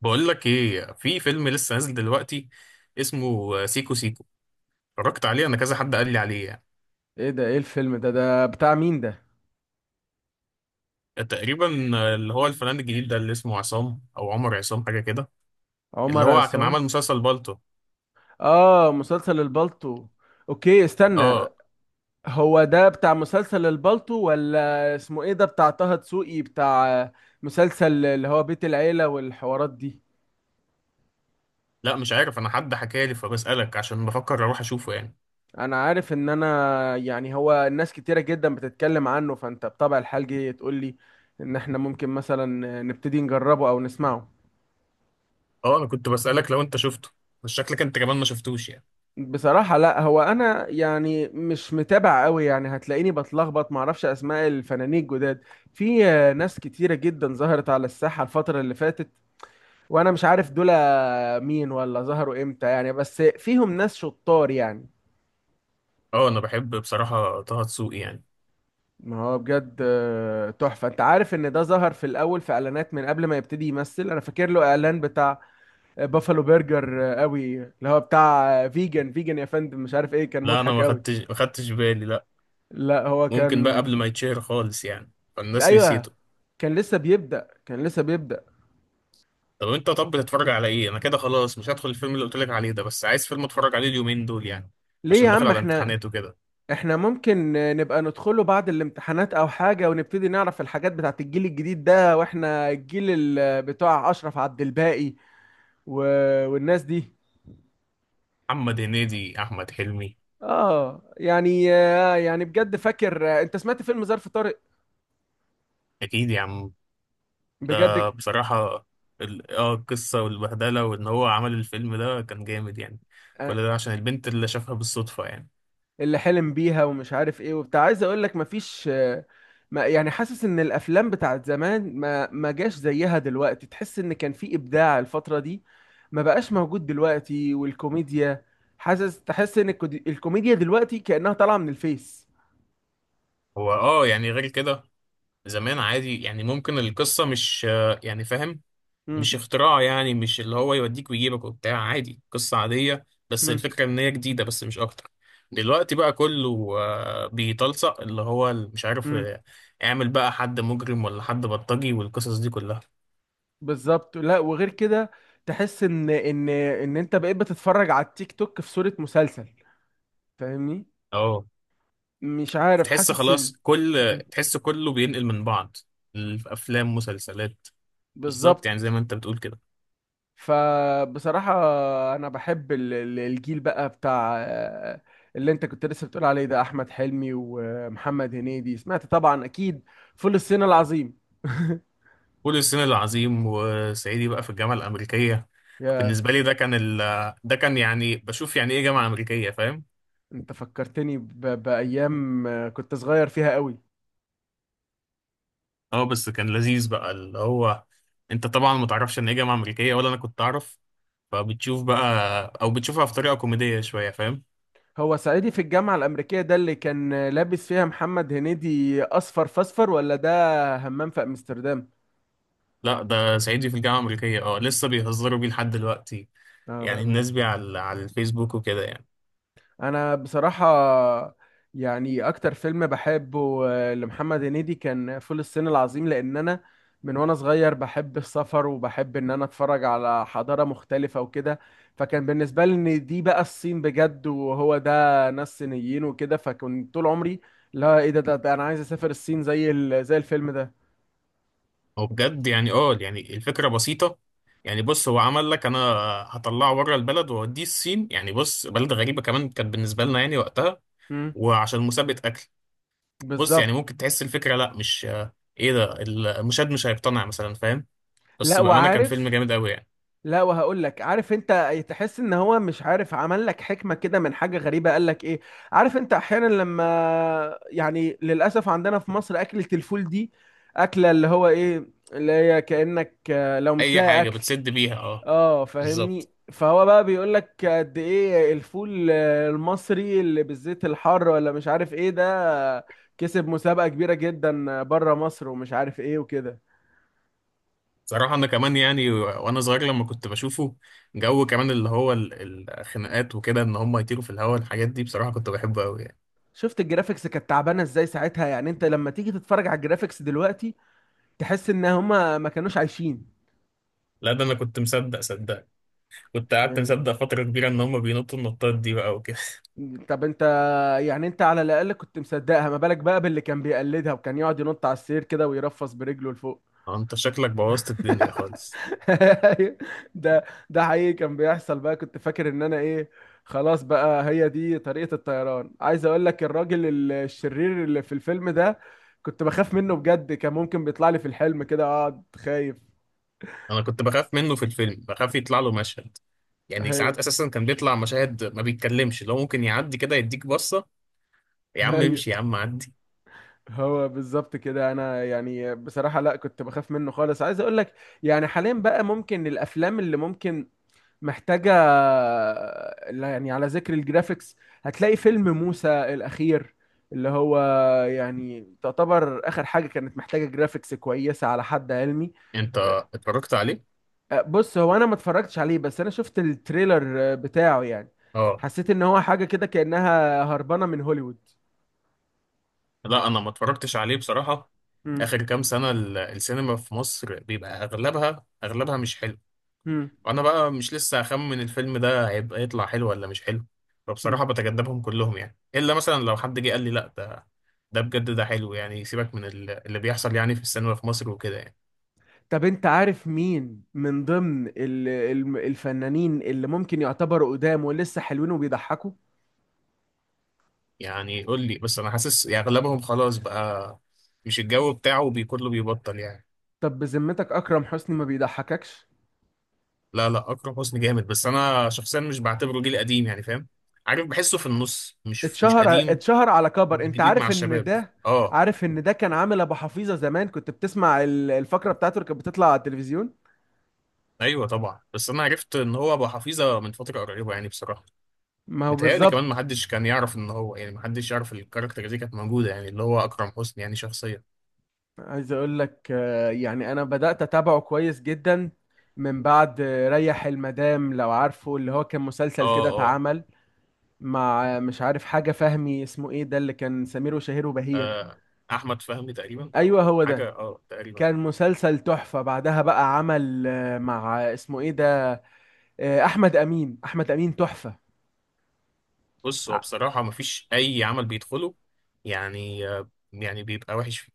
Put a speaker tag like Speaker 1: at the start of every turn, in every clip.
Speaker 1: بقول لك ايه، في فيلم لسه نازل دلوقتي اسمه سيكو سيكو. اتفرجت عليه انا، كذا حد قال لي عليه يعني.
Speaker 2: ايه ده؟ ايه الفيلم ده بتاع مين ده؟
Speaker 1: تقريبا اللي هو الفنان الجديد ده اللي اسمه عصام او عمر عصام حاجه كده، اللي
Speaker 2: عمر
Speaker 1: هو كان
Speaker 2: عصام.
Speaker 1: عمل مسلسل بالطو.
Speaker 2: اه، مسلسل البالتو. اوكي، استنى.
Speaker 1: اه.
Speaker 2: هو ده بتاع مسلسل البالتو ولا اسمه ايه؟ ده بتاع طه دسوقي؟ بتاع مسلسل اللي هو بيت العيلة والحوارات دي؟
Speaker 1: لا مش عارف، انا حد حكى لي فبسالك عشان بفكر اروح اشوفه يعني.
Speaker 2: انا عارف ان انا هو الناس كتيرة جدا بتتكلم عنه، فانت بطبع الحال جاي تقول لي ان احنا ممكن مثلا نبتدي نجربه او نسمعه.
Speaker 1: اه انا كنت بسالك لو انت شفته، بس شكلك انت كمان ما شفتوش يعني.
Speaker 2: بصراحة لا، هو أنا يعني مش متابع قوي، يعني هتلاقيني بتلخبط، معرفش أسماء الفنانين الجداد. في ناس كتيرة جدا ظهرت على الساحة الفترة اللي فاتت، وأنا مش عارف دول مين ولا ظهروا إمتى يعني، بس فيهم ناس شطار يعني.
Speaker 1: اه انا بحب بصراحه طه دسوقي يعني.
Speaker 2: ما هو بجد تحفة. أنت عارف إن ده ظهر في الأول في إعلانات من قبل ما يبتدي يمثل؟ أنا فاكر له إعلان بتاع بافالو برجر، قوي، اللي هو بتاع فيجن فيجن يا فندم، مش عارف إيه، كان
Speaker 1: لا انا
Speaker 2: مضحك
Speaker 1: ما
Speaker 2: قوي.
Speaker 1: خدتش ما خدتش بالي، لا.
Speaker 2: لا هو
Speaker 1: ممكن بقى
Speaker 2: كان،
Speaker 1: قبل ما يتشهر خالص يعني، فالناس
Speaker 2: ايوه.
Speaker 1: نسيته.
Speaker 2: كان لسه بيبدأ، كان لسه بيبدأ.
Speaker 1: طب انت، طب بتتفرج على ايه؟ انا كده خلاص مش هدخل الفيلم اللي قلت لك عليه ده، بس عايز فيلم اتفرج عليه اليومين دول يعني،
Speaker 2: ليه يا
Speaker 1: عشان داخل
Speaker 2: عم؟
Speaker 1: على
Speaker 2: احنا،
Speaker 1: امتحانات وكده.
Speaker 2: احنا ممكن نبقى ندخله بعد الامتحانات او حاجة، ونبتدي نعرف الحاجات بتاعت الجيل الجديد ده، واحنا الجيل بتاع اشرف عبد الباقي و... والناس دي.
Speaker 1: محمد هنيدي، احمد حلمي.
Speaker 2: اه يعني يعني بجد فاكر. انت سمعت فيلم ظرف طارق؟
Speaker 1: اكيد يا عم.
Speaker 2: بجد؟
Speaker 1: ده بصراحة القصة والبهدلة، وان هو عمل الفيلم ده كان جامد يعني.
Speaker 2: آه،
Speaker 1: كل ده عشان البنت اللي شافها بالصدفة يعني.
Speaker 2: اللي حلم بيها ومش عارف ايه وبتاع. عايز اقول لك مفيش ما يعني، حاسس ان الافلام بتاعت زمان ما جاش زيها دلوقتي، تحس ان كان في ابداع الفترة دي ما بقاش موجود دلوقتي. والكوميديا، حاسس، تحس ان الكوميديا دلوقتي كأنها طالعة من الفيس.
Speaker 1: هو اه يعني غير كده، زمان عادي يعني ممكن القصة مش يعني فاهم،
Speaker 2: امم.
Speaker 1: مش اختراع يعني، مش اللي هو يوديك ويجيبك وبتاع. عادي، قصة عادية، بس
Speaker 2: امم.
Speaker 1: الفكرة ان هي جديدة بس مش اكتر. دلوقتي بقى كله بيتلصق، اللي هو ال- مش عارف
Speaker 2: امم.
Speaker 1: آه، اعمل بقى حد مجرم ولا حد بلطجي والقصص دي كلها.
Speaker 2: بالظبط. لا وغير كده، تحس ان ان انت بقيت بتتفرج على التيك توك في صورة مسلسل، فاهمني؟
Speaker 1: اه.
Speaker 2: مش عارف،
Speaker 1: تحس
Speaker 2: حاسس
Speaker 1: خلاص كل،
Speaker 2: مم.
Speaker 1: تحس كله بينقل من بعض، الافلام، مسلسلات. بالظبط يعني، زي
Speaker 2: بالظبط.
Speaker 1: ما انت بتقول كده.
Speaker 2: فبصراحة أنا بحب الجيل بقى بتاع اللي أنت كنت لسه بتقول عليه ده، أحمد حلمي ومحمد هنيدي. سمعت طبعا أكيد فول الصين العظيم.
Speaker 1: فول الصين العظيم، وصعيدي بقى في الجامعة الأمريكية.
Speaker 2: يا،
Speaker 1: بالنسبة لي ده كان ده كان يعني بشوف يعني ايه جامعة أمريكية، فاهم؟
Speaker 2: أنت فكرتني بأيام كنت صغير فيها قوي.
Speaker 1: اه، بس كان لذيذ بقى، اللي هو انت طبعا ما تعرفش ان هي جامعه امريكيه، ولا انا كنت اعرف. فبتشوف بقى، او بتشوفها في طريقه كوميديه شويه، فاهم؟
Speaker 2: هو صعيدي في الجامعة الأمريكية ده اللي كان لابس فيها محمد هنيدي أصفر فاصفر ولا ده همام في أمستردام؟
Speaker 1: لا ده صعيدي في الجامعه الامريكيه، اه لسه بيهزروا بيه لحد دلوقتي
Speaker 2: اه
Speaker 1: يعني،
Speaker 2: بأمانة.
Speaker 1: الناس بيه على الفيسبوك وكده يعني.
Speaker 2: انا بصراحة يعني اكتر فيلم بحبه لمحمد هنيدي كان فول الصين العظيم، لان انا من وانا صغير بحب السفر وبحب ان انا اتفرج على حضارة مختلفة وكده، فكان بالنسبة لي ان دي بقى الصين بجد، وهو ده ناس صينيين وكده، فكنت طول عمري، لا ايه ده، ده انا عايز اسافر الصين زي زي الفيلم ده.
Speaker 1: هو بجد يعني، اه يعني الفكره بسيطه يعني. بص، هو عمل لك: انا هطلعه بره البلد واوديه الصين يعني، بص بلد غريبه كمان كانت بالنسبه لنا يعني وقتها،
Speaker 2: امم.
Speaker 1: وعشان مسابقه اكل. بص يعني
Speaker 2: بالظبط.
Speaker 1: ممكن تحس الفكرة لا مش، ايه ده، المشاهد مش هيقتنع مثلا، فاهم؟
Speaker 2: لا
Speaker 1: بس بأمانة كان فيلم
Speaker 2: وعارف.
Speaker 1: جامد قوي يعني.
Speaker 2: لا وهقول لك، عارف انت تحس ان هو، مش عارف، عمل لك حكمه كده من حاجه غريبه. قال لك ايه؟ عارف انت احيانا لما، يعني للاسف عندنا في مصر اكله الفول دي، اكله اللي هو ايه اللي هي كانك لو مش
Speaker 1: اي
Speaker 2: لاقي
Speaker 1: حاجة
Speaker 2: اكل.
Speaker 1: بتسد بيها، اه.
Speaker 2: اه
Speaker 1: بالظبط.
Speaker 2: فاهمني؟ فهو بقى بيقول لك قد ايه الفول المصري اللي بالزيت الحار ولا مش عارف ايه ده. آه، كسب مسابقه كبيره جدا بره مصر ومش عارف ايه وكده.
Speaker 1: صراحة انا كمان يعني وانا صغير لما كنت بشوفه، جو كمان اللي هو الخناقات وكده، ان هم يطيروا في الهواء، الحاجات دي بصراحة كنت بحبه قوي يعني.
Speaker 2: شفت الجرافيكس كانت تعبانه ازاي ساعتها؟ يعني انت لما تيجي تتفرج على الجرافيكس دلوقتي، تحس ان هما ما كانوش عايشين
Speaker 1: لا ده انا كنت مصدق صدق، كنت قعدت
Speaker 2: يعني.
Speaker 1: مصدق فترة كبيرة ان هم بينطوا النطات دي بقى وكده.
Speaker 2: طب انت، يعني انت على الاقل كنت مصدقها، ما بالك بقى باللي كان بيقلدها وكان يقعد ينط على السرير كده ويرفس برجله لفوق.
Speaker 1: انت شكلك بوظت الدنيا خالص.
Speaker 2: ده، ده حقيقي كان بيحصل بقى، كنت فاكر ان انا ايه، خلاص بقى هي دي طريقة الطيران. عايز اقول لك الراجل الشرير اللي في الفيلم ده، كنت بخاف منه بجد، كان ممكن بيطلع لي في الحلم كده اقعد خايف.
Speaker 1: انا كنت بخاف منه في الفيلم، بخاف يطلع له مشهد يعني.
Speaker 2: هي.
Speaker 1: ساعات اساسا كان بيطلع مشاهد ما بيتكلمش، لو ممكن يعدي كده يديك بصة. يا عم
Speaker 2: هي.
Speaker 1: امشي، يا عم عدي.
Speaker 2: هو بالظبط كده. انا يعني بصراحة لا، كنت بخاف منه خالص. عايز اقول لك، يعني حاليا بقى ممكن الافلام اللي ممكن، محتاجة، لا يعني على ذكر الجرافيكس، هتلاقي فيلم موسى الاخير، اللي هو يعني تعتبر اخر حاجة كانت محتاجة جرافيكس كويسة على حد علمي.
Speaker 1: انت اتفرجت عليه؟
Speaker 2: أه، بص، هو انا ما اتفرجتش عليه، بس انا شفت التريلر أه، بتاعه يعني،
Speaker 1: اه.
Speaker 2: حسيت ان هو حاجة كده كأنها هربانة من هوليوود.
Speaker 1: لا انا ما اتفرجتش عليه بصراحة.
Speaker 2: مم.
Speaker 1: اخر كام سنة السينما في مصر بيبقى اغلبها مش حلو، وانا بقى مش لسه اخمن الفيلم ده هيبقى يطلع حلو ولا مش حلو. فبصراحة
Speaker 2: مم.
Speaker 1: بتجنبهم كلهم يعني، الا مثلا لو حد جه قال لي: لا ده، ده بجد ده حلو يعني. سيبك من اللي بيحصل يعني في السينما في مصر وكده يعني.
Speaker 2: طب انت عارف مين من ضمن الفنانين اللي ممكن يعتبروا قدام ولسه حلوين وبيضحكوا؟
Speaker 1: يعني قول لي، بس انا حاسس يعني اغلبهم خلاص بقى، مش الجو بتاعه كله بيبطل يعني.
Speaker 2: طب بذمتك اكرم حسني ما بيضحككش؟
Speaker 1: لا لا، اكرم حسني جامد، بس انا شخصيا مش بعتبره جيل قديم يعني، فاهم؟ عارف بحسه في النص، مش
Speaker 2: اتشهر،
Speaker 1: قديم،
Speaker 2: اتشهر على
Speaker 1: مش
Speaker 2: كبر. انت
Speaker 1: جديد مع
Speaker 2: عارف ان
Speaker 1: الشباب.
Speaker 2: ده،
Speaker 1: اه.
Speaker 2: عارف ان ده كان عامل ابو حفيظه زمان؟ كنت بتسمع الفقره بتاعته اللي كانت بتطلع على التلفزيون؟
Speaker 1: ايوه طبعا، بس انا عرفت ان هو ابو حفيظه من فتره قريبه يعني بصراحه.
Speaker 2: ما هو
Speaker 1: متهيألي كمان ما
Speaker 2: بالظبط.
Speaker 1: حدش كان يعرف ان هو يعني، ما حدش يعرف الكاركتر دي كانت موجوده يعني، اللي هو اكرم حسني يعني شخصيا.
Speaker 2: عايز اقول لك يعني انا بدات اتابعه كويس جدا من بعد ريح المدام، لو عارفه، اللي هو كان مسلسل
Speaker 1: اه
Speaker 2: كده
Speaker 1: اه
Speaker 2: اتعمل مع مش عارف حاجة فهمي، اسمه ايه ده اللي كان سمير وشهير وبهير؟
Speaker 1: آه، احمد فهمي تقريبا،
Speaker 2: ايوه
Speaker 1: او
Speaker 2: هو
Speaker 1: حاجه
Speaker 2: ده.
Speaker 1: اه تقريبا.
Speaker 2: كان مسلسل تحفة. بعدها بقى عمل مع اسمه ايه ده، احمد امين، احمد امين تحفة.
Speaker 1: بص هو
Speaker 2: ع-
Speaker 1: بصراحة مفيش أي عمل بيدخله يعني، يعني بيبقى وحش فيه.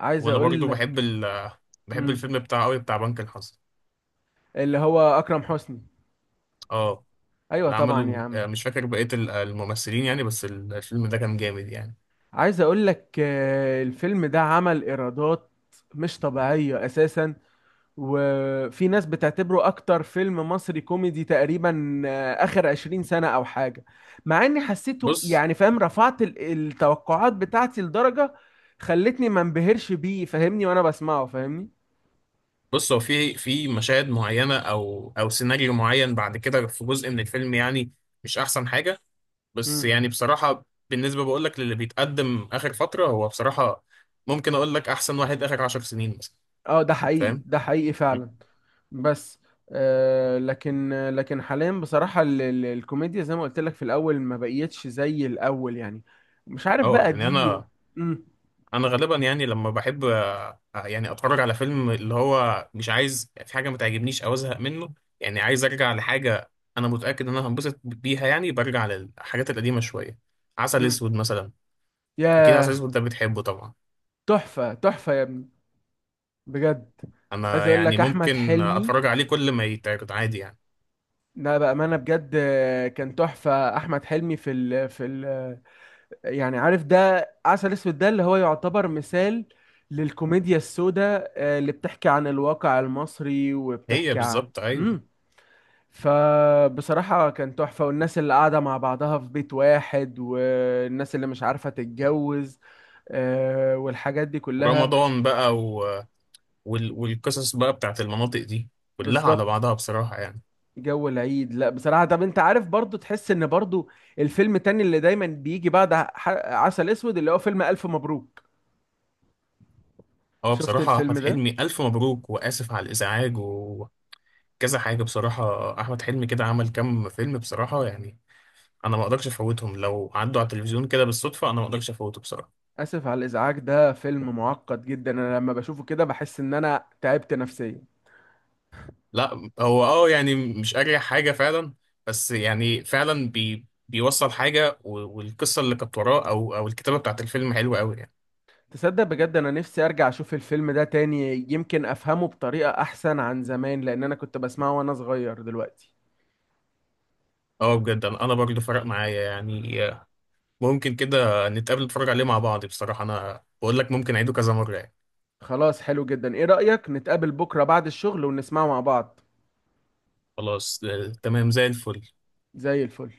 Speaker 2: عايز
Speaker 1: وأنا برضو
Speaker 2: اقول لك
Speaker 1: بحب
Speaker 2: مم،
Speaker 1: الفيلم بتاع أوي، بتاع بنك الحظ.
Speaker 2: اللي هو اكرم حسني.
Speaker 1: اه.
Speaker 2: ايوه
Speaker 1: اللي عمله
Speaker 2: طبعا يا عم.
Speaker 1: مش فاكر بقية الممثلين يعني، بس الفيلم ده كان جامد يعني.
Speaker 2: عايز اقول لك الفيلم ده عمل ايرادات مش طبيعية اساسا، وفي ناس بتعتبره اكتر فيلم مصري كوميدي تقريبا اخر 20 سنة او حاجة. مع اني حسيته
Speaker 1: بص،
Speaker 2: يعني فاهم، رفعت التوقعات بتاعتي لدرجة خلتني ما انبهرش بيه، فاهمني، وانا بسمعه، فاهمني؟
Speaker 1: بص هو في مشاهد معينة أو سيناريو معين بعد كده في جزء من الفيلم يعني، مش أحسن حاجة. بس
Speaker 2: مم.
Speaker 1: يعني بصراحة بالنسبة بقولك للي بيتقدم آخر فترة، هو بصراحة ممكن أقولك أحسن واحد آخر 10 سنين مثلا.
Speaker 2: اه ده حقيقي،
Speaker 1: فاهم؟
Speaker 2: ده حقيقي فعلا. بس آه، لكن حاليا بصراحة الكوميديا زي ما قلت لك في الأول ما بقيتش زي الأول يعني، مش عارف
Speaker 1: اه
Speaker 2: بقى
Speaker 1: يعني
Speaker 2: دي.
Speaker 1: انا
Speaker 2: مم.
Speaker 1: انا غالبا يعني لما بحب يعني اتفرج على فيلم، اللي هو مش عايز في حاجه ما تعجبنيش او ازهق منه يعني. عايز ارجع لحاجه انا متاكد ان انا هنبسط بيها يعني، برجع للحاجات القديمه شويه. عسل
Speaker 2: مم.
Speaker 1: اسود مثلا. اكيد عسل
Speaker 2: ياه.
Speaker 1: اسود ده بتحبه طبعا.
Speaker 2: تحفة، تحفة يا ابني، بجد. عايز
Speaker 1: انا
Speaker 2: اقول
Speaker 1: يعني
Speaker 2: لك احمد
Speaker 1: ممكن
Speaker 2: حلمي،
Speaker 1: اتفرج عليه كل ما يتعرض عادي يعني.
Speaker 2: لا بامانه بجد كان تحفه احمد حلمي في ال، يعني عارف ده عسل اسود ده اللي هو يعتبر مثال للكوميديا السوداء اللي بتحكي عن الواقع المصري
Speaker 1: هي
Speaker 2: وبتحكي عن،
Speaker 1: بالظبط، ايوه.
Speaker 2: امم، فبصراحه كان تحفه، والناس اللي قاعده مع بعضها في بيت واحد، والناس اللي مش عارفه تتجوز والحاجات دي كلها.
Speaker 1: ورمضان بقى والقصص بقى بتاعت المناطق دي كلها على
Speaker 2: بالظبط.
Speaker 1: بعضها بصراحه يعني.
Speaker 2: جو العيد، لا بصراحة. طب انت عارف برضو، تحس ان برضو الفيلم التاني اللي دايما بيجي بعد عسل اسود اللي هو فيلم الف مبروك؟
Speaker 1: هو
Speaker 2: شفت
Speaker 1: بصراحة
Speaker 2: الفيلم
Speaker 1: أحمد
Speaker 2: ده؟
Speaker 1: حلمي، ألف مبروك وآسف على الإزعاج، كذا حاجة بصراحة. أحمد حلمي كده عمل كام فيلم بصراحة يعني، أنا ما أقدرش أفوتهم، لو عدوا على التلفزيون كده بالصدفة أنا ما أقدرش أفوته بصراحة.
Speaker 2: اسف على الازعاج، ده فيلم معقد جدا، انا لما بشوفه كده بحس ان انا تعبت نفسيا.
Speaker 1: لا هو أه يعني مش أريح حاجة فعلا، بس يعني فعلا بيوصل حاجة، والقصة اللي كانت وراه أو الكتابة بتاعت الفيلم حلوة أوي يعني.
Speaker 2: تصدق بجد انا نفسي ارجع اشوف الفيلم ده تاني، يمكن افهمه بطريقة احسن عن زمان، لان انا كنت بسمعه وانا صغير دلوقتي.
Speaker 1: أه بجد، أنا برضه فرق معايا يعني. ممكن كده نتقابل نتفرج عليه مع بعض. بصراحة أنا بقول لك ممكن أعيده كذا مرة يعني.
Speaker 2: خلاص حلو جدا، ايه رأيك نتقابل بكرة بعد الشغل ونسمعه مع بعض؟
Speaker 1: خلاص تمام زي الفل.
Speaker 2: زي الفل.